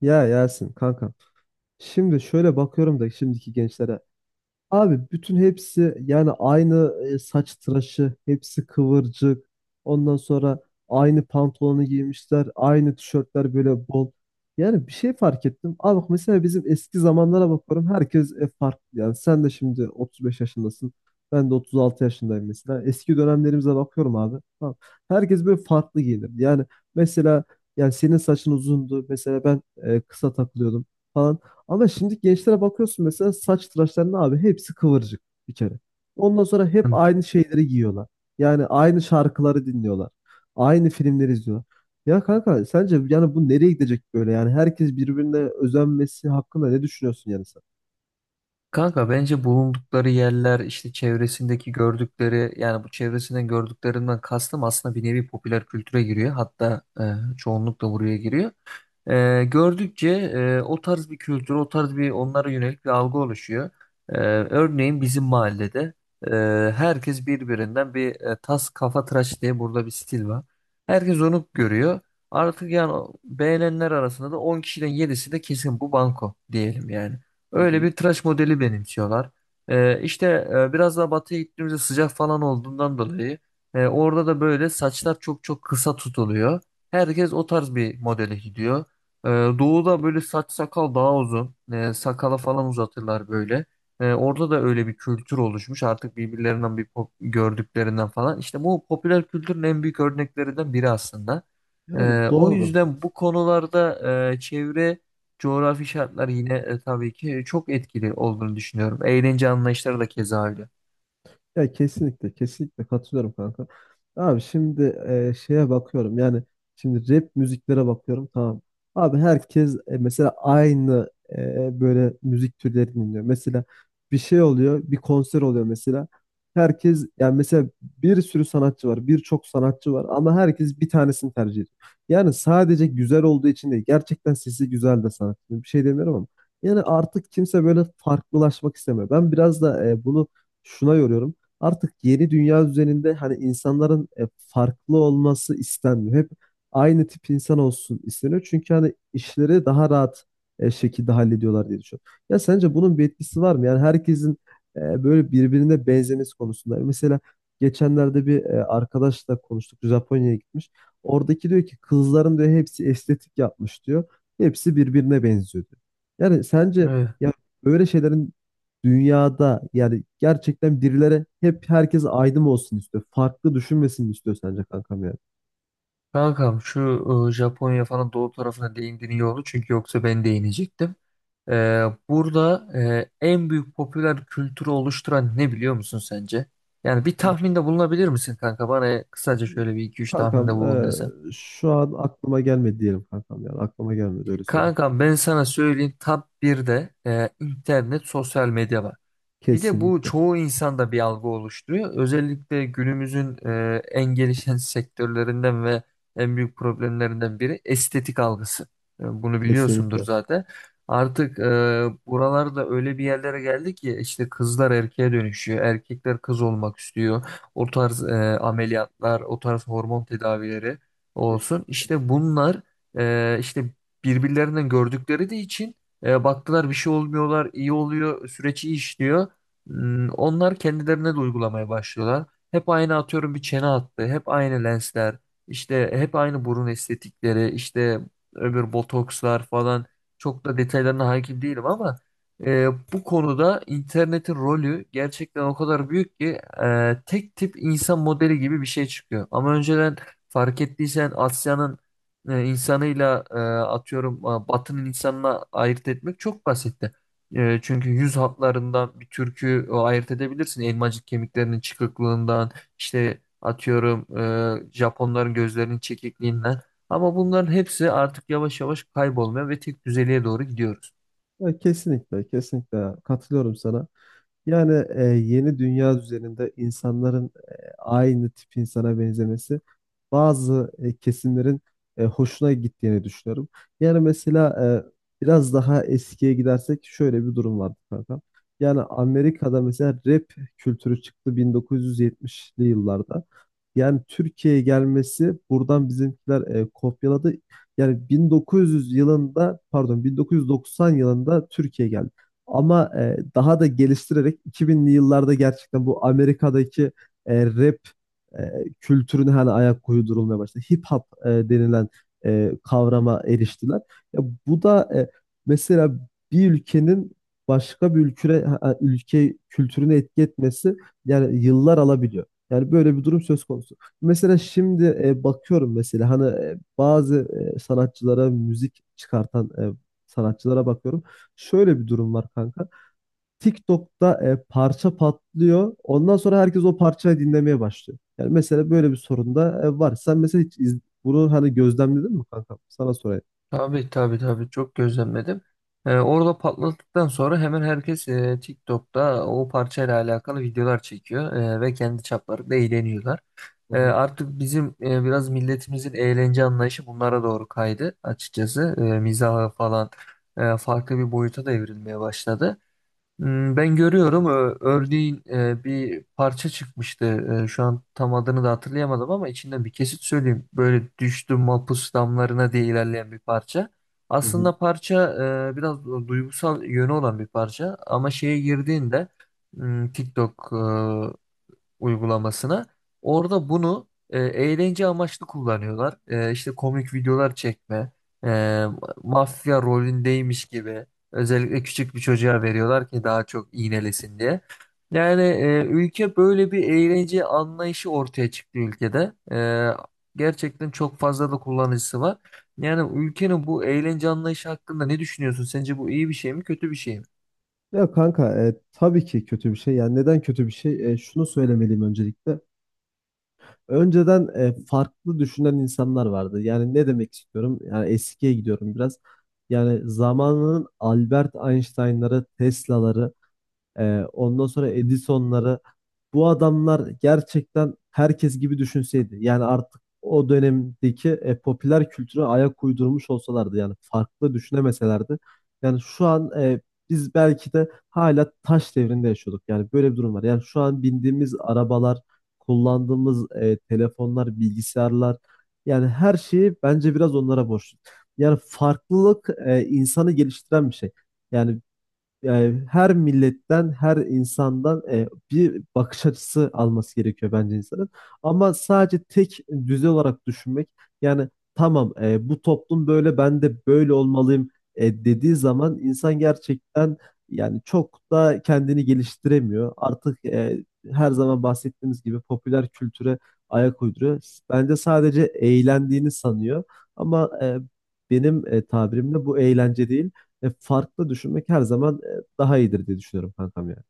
Ya Yasin kankam. Şimdi şöyle bakıyorum da şimdiki gençlere. Abi bütün hepsi yani aynı saç tıraşı, hepsi kıvırcık. Ondan sonra aynı pantolonu giymişler, aynı tişörtler böyle bol. Yani bir şey fark ettim. Abi bak mesela bizim eski zamanlara bakıyorum herkes farklı. Yani sen de şimdi 35 yaşındasın. Ben de 36 yaşındayım mesela. Eski dönemlerimize bakıyorum abi. Tamam. Herkes böyle farklı giyinirdi. Yani mesela yani senin saçın uzundu. Mesela ben kısa takılıyordum falan. Ama şimdi gençlere bakıyorsun mesela saç tıraşlarına abi hepsi kıvırcık bir kere. Ondan sonra hep aynı şeyleri giyiyorlar. Yani aynı şarkıları dinliyorlar. Aynı filmleri izliyorlar. Ya kanka sence yani bu nereye gidecek böyle? Yani herkes birbirine özenmesi hakkında ne düşünüyorsun yani sen? Kanka bence bulundukları yerler işte çevresindeki gördükleri yani bu çevresinden gördüklerinden kastım aslında bir nevi popüler kültüre giriyor. Hatta çoğunlukla buraya giriyor. Gördükçe o tarz bir kültür, o tarz bir onlara yönelik bir algı oluşuyor. Örneğin bizim mahallede e, herkes birbirinden bir tas kafa tıraş diye burada bir stil var. Herkes onu görüyor. Artık yani beğenenler arasında da 10 kişiden yedisi de kesin bu banko diyelim yani. Hı Öyle hı. bir tıraş modeli benimsiyorlar. İşte biraz daha batıya gittiğimizde sıcak falan olduğundan dolayı orada da böyle saçlar çok çok kısa tutuluyor. Herkes o tarz bir modele gidiyor. Ee, doğuda böyle saç sakal daha uzun. Sakala falan uzatırlar böyle. Orada da öyle bir kültür oluşmuş. Artık birbirlerinden bir gördüklerinden falan. İşte bu popüler kültürün en büyük örneklerinden biri aslında. Yani O doğru. yüzden bu konularda çevre coğrafi şartlar yine tabii ki çok etkili olduğunu düşünüyorum. Eğlence anlayışları da keza öyle. Ya kesinlikle kesinlikle katılıyorum kanka. Abi şimdi şeye bakıyorum yani şimdi rap müziklere bakıyorum tamam. Abi herkes mesela aynı böyle müzik türleri dinliyor. Mesela bir şey oluyor bir konser oluyor mesela. Herkes yani mesela bir sürü sanatçı var birçok sanatçı var ama herkes bir tanesini tercih ediyor. Yani sadece güzel olduğu için değil gerçekten sesi güzel de sanatçı. Bir şey demiyorum ama. Yani artık kimse böyle farklılaşmak istemiyor. Ben biraz da bunu şuna yoruyorum. Artık yeni dünya düzeninde hani insanların farklı olması istenmiyor. Hep aynı tip insan olsun isteniyor. Çünkü hani işleri daha rahat şekilde hallediyorlar diye düşünüyorum. Ya sence bunun bir etkisi var mı? Yani herkesin böyle birbirine benzemesi konusunda. Mesela geçenlerde bir arkadaşla konuştuk. Japonya'ya gitmiş. Oradaki diyor ki kızların diyor hepsi estetik yapmış diyor. Hepsi birbirine benziyor diyor. Yani sence Evet. ya böyle şeylerin dünyada yani gerçekten birilere hep herkes aydın olsun istiyor. Farklı düşünmesini istiyor sence kankam yani. Kankam şu Japonya falan doğu tarafına değindin iyi oldu. Çünkü yoksa ben değinecektim. Burada en büyük popüler kültürü oluşturan ne biliyor musun sence? Yani bir tahminde bulunabilir misin kanka? Bana kısaca şöyle bir iki üç tahminde Kankam bulun desem. şu an aklıma gelmedi diyelim kankam yani aklıma gelmedi öyle söyleyeyim. Kankam ben sana söyleyeyim top 1'de internet sosyal medya var. Bir de bu Kesinlikle. çoğu insanda bir algı oluşturuyor. Özellikle günümüzün en gelişen sektörlerinden ve en büyük problemlerinden biri estetik algısı. Bunu biliyorsundur Kesinlikle. zaten. Artık buralarda öyle bir yerlere geldi ki işte kızlar erkeğe dönüşüyor. Erkekler kız olmak istiyor. O tarz ameliyatlar, o tarz hormon tedavileri olsun. Kesinlikle. İşte bunlar işte birbirlerinden gördükleri de için baktılar bir şey olmuyorlar, iyi oluyor, süreç iyi işliyor. Onlar kendilerine de uygulamaya başlıyorlar. Hep aynı atıyorum bir çene hattı, hep aynı lensler, işte hep aynı burun estetikleri, işte öbür botokslar falan. Çok da detaylarına hakim değilim ama e, bu konuda internetin rolü gerçekten o kadar büyük ki tek tip insan modeli gibi bir şey çıkıyor. Ama önceden fark ettiysen Asya'nın insanıyla atıyorum Batı'nın insanına ayırt etmek çok basitti. Çünkü yüz hatlarından bir türkü ayırt edebilirsin. Elmacık kemiklerinin çıkıklığından, işte atıyorum Japonların gözlerinin çekikliğinden. Ama bunların hepsi artık yavaş yavaş kaybolmaya ve tek düzeliğe doğru gidiyoruz. Ya kesinlikle, kesinlikle katılıyorum sana. Yani yeni dünya düzeninde insanların aynı tip insana benzemesi bazı kesimlerin hoşuna gittiğini düşünüyorum. Yani mesela biraz daha eskiye gidersek şöyle bir durum vardı kanka. Yani Amerika'da mesela rap kültürü çıktı 1970'li yıllarda. Yani Türkiye'ye gelmesi buradan bizimkiler kopyaladı. Yani 1900 yılında pardon 1990 yılında Türkiye geldi. Ama daha da geliştirerek 2000'li yıllarda gerçekten bu Amerika'daki rap e, kültürüne hani ayak uydurulmaya başladı. Hip hop denilen kavrama eriştiler. Ya bu da mesela bir ülkenin başka bir ülke kültürüne etki etmesi yani yıllar alabiliyor. Yani böyle bir durum söz konusu. Mesela şimdi bakıyorum mesela hani bazı sanatçılara müzik çıkartan sanatçılara bakıyorum. Şöyle bir durum var kanka. TikTok'ta parça patlıyor. Ondan sonra herkes o parçayı dinlemeye başlıyor. Yani mesela böyle bir sorun da var. Sen mesela bunu hani gözlemledin mi kanka? Sana sorayım. Tabii tabii tabii çok gözlemledim. Orada patladıktan sonra hemen herkes TikTok'ta o parçayla alakalı videolar çekiyor ve kendi çaplarında eğleniyorlar. Hı E, hı. artık bizim biraz milletimizin eğlence anlayışı bunlara doğru kaydı açıkçası. Mizaha falan farklı bir boyuta da evrilmeye başladı. Ben görüyorum. Örneğin bir parça çıkmıştı. Şu an tam adını da hatırlayamadım ama içinden bir kesit söyleyeyim. Böyle düştüm mapus damlarına diye ilerleyen bir parça. Hı hı. Aslında parça biraz duygusal yönü olan bir parça ama şeye girdiğinde TikTok uygulamasına. Orada bunu eğlence amaçlı kullanıyorlar. E, işte komik videolar çekme, e, mafya rolündeymiş gibi özellikle küçük bir çocuğa veriyorlar ki daha çok iğnelesin diye. Yani ülke böyle bir eğlence anlayışı ortaya çıktı ülkede. Gerçekten çok fazla da kullanıcısı var. Yani ülkenin bu eğlence anlayışı hakkında ne düşünüyorsun? Sence bu iyi bir şey mi, kötü bir şey mi? Ya kanka tabii ki kötü bir şey. Yani neden kötü bir şey? E, şunu söylemeliyim öncelikle. Önceden farklı düşünen insanlar vardı. Yani ne demek istiyorum? Yani eskiye gidiyorum biraz. Yani zamanının Albert Einstein'ları, Tesla'ları ondan sonra Edison'ları bu adamlar gerçekten herkes gibi düşünseydi. Yani artık o dönemdeki popüler kültüre ayak uydurmuş olsalardı yani farklı düşünemeselerdi. Yani şu an biz belki de hala taş devrinde yaşıyorduk. Yani böyle bir durum var. Yani şu an bindiğimiz arabalar, kullandığımız telefonlar, bilgisayarlar yani her şeyi bence biraz onlara borçlu. Yani farklılık insanı geliştiren bir şey. Yani yani her milletten, her insandan bir bakış açısı alması gerekiyor bence insanın. Ama sadece tek düze olarak düşünmek, yani tamam bu toplum böyle, ben de böyle olmalıyım dediği zaman insan gerçekten yani çok da kendini geliştiremiyor. Artık her zaman bahsettiğimiz gibi popüler kültüre ayak uyduruyor. Bence sadece eğlendiğini sanıyor. Ama benim tabirimle bu eğlence değil. E, farklı düşünmek her zaman daha iyidir diye düşünüyorum kankam yani.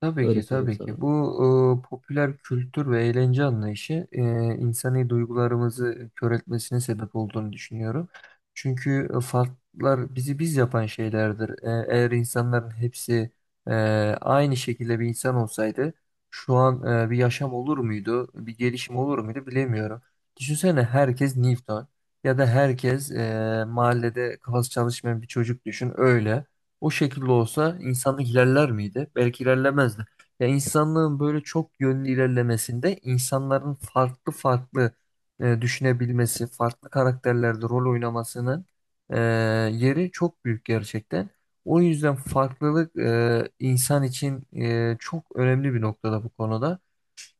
Tabii Öyle ki söyleyeyim tabii sana. ki. Bu popüler kültür ve eğlence anlayışı insani duygularımızı kör etmesine sebep olduğunu düşünüyorum. Çünkü farklar bizi biz yapan şeylerdir. Eğer insanların hepsi e, aynı şekilde bir insan olsaydı şu an bir yaşam olur muydu, bir gelişim olur muydu bilemiyorum. Düşünsene herkes Newton ya da herkes mahallede kafası çalışmayan bir çocuk düşün öyle. O şekilde olsa insanlık ilerler miydi? Belki ilerlemezdi. Ya insanlığın böyle çok yönlü ilerlemesinde insanların farklı farklı düşünebilmesi, farklı karakterlerde rol oynamasının e, yeri çok büyük gerçekten. O yüzden farklılık insan için çok önemli bir noktada bu konuda.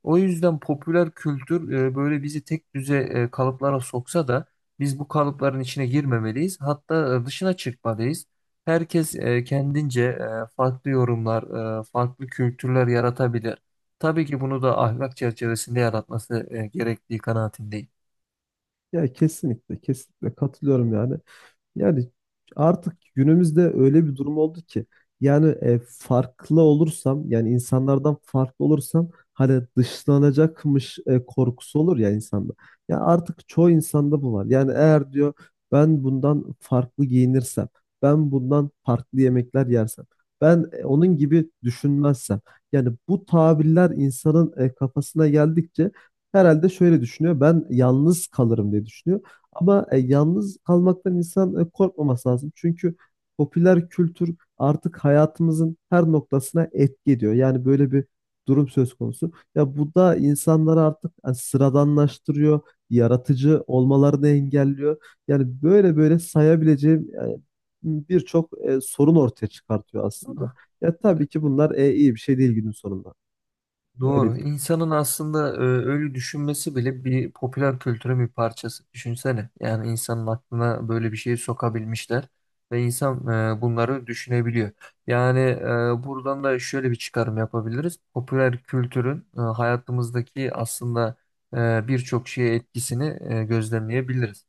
O yüzden popüler kültür böyle bizi tek düze kalıplara soksa da biz bu kalıpların içine girmemeliyiz. Hatta dışına çıkmalıyız. Herkes kendince farklı yorumlar, farklı kültürler yaratabilir. Tabii ki bunu da ahlak çerçevesinde yaratması gerektiği kanaatindeyim. Ya kesinlikle kesinlikle katılıyorum yani. Yani artık günümüzde öyle bir durum oldu ki yani farklı olursam yani insanlardan farklı olursam hani dışlanacakmış korkusu olur ya insanda. Ya artık çoğu insanda bu var. Yani eğer diyor ben bundan farklı giyinirsem, ben bundan farklı yemekler yersem, ben onun gibi düşünmezsem. Yani bu tabirler insanın kafasına geldikçe herhalde şöyle düşünüyor. Ben yalnız kalırım diye düşünüyor. Ama yalnız kalmaktan insan korkmaması lazım. Çünkü popüler kültür artık hayatımızın her noktasına etki ediyor. Yani böyle bir durum söz konusu. Ya bu da insanları artık sıradanlaştırıyor, yaratıcı olmalarını engelliyor. Yani böyle böyle sayabileceğim birçok sorun ortaya çıkartıyor aslında. Ya tabii ki bunlar iyi bir şey değil günün sonunda. Öyle Doğru. diyeyim. İnsanın aslında öyle düşünmesi bile bir popüler kültürün bir parçası. Düşünsene. Yani insanın aklına böyle bir şeyi sokabilmişler ve insan bunları düşünebiliyor. Yani buradan da şöyle bir çıkarım yapabiliriz. Popüler kültürün hayatımızdaki aslında birçok şeye etkisini gözlemleyebiliriz.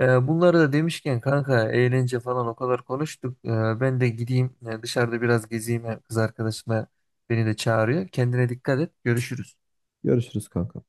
Bunları da demişken kanka eğlence falan o kadar konuştuk. Ben de gideyim dışarıda biraz gezeyim kız arkadaşımla. Beni de çağırıyor. Kendine dikkat et. Görüşürüz. Görüşürüz kanka.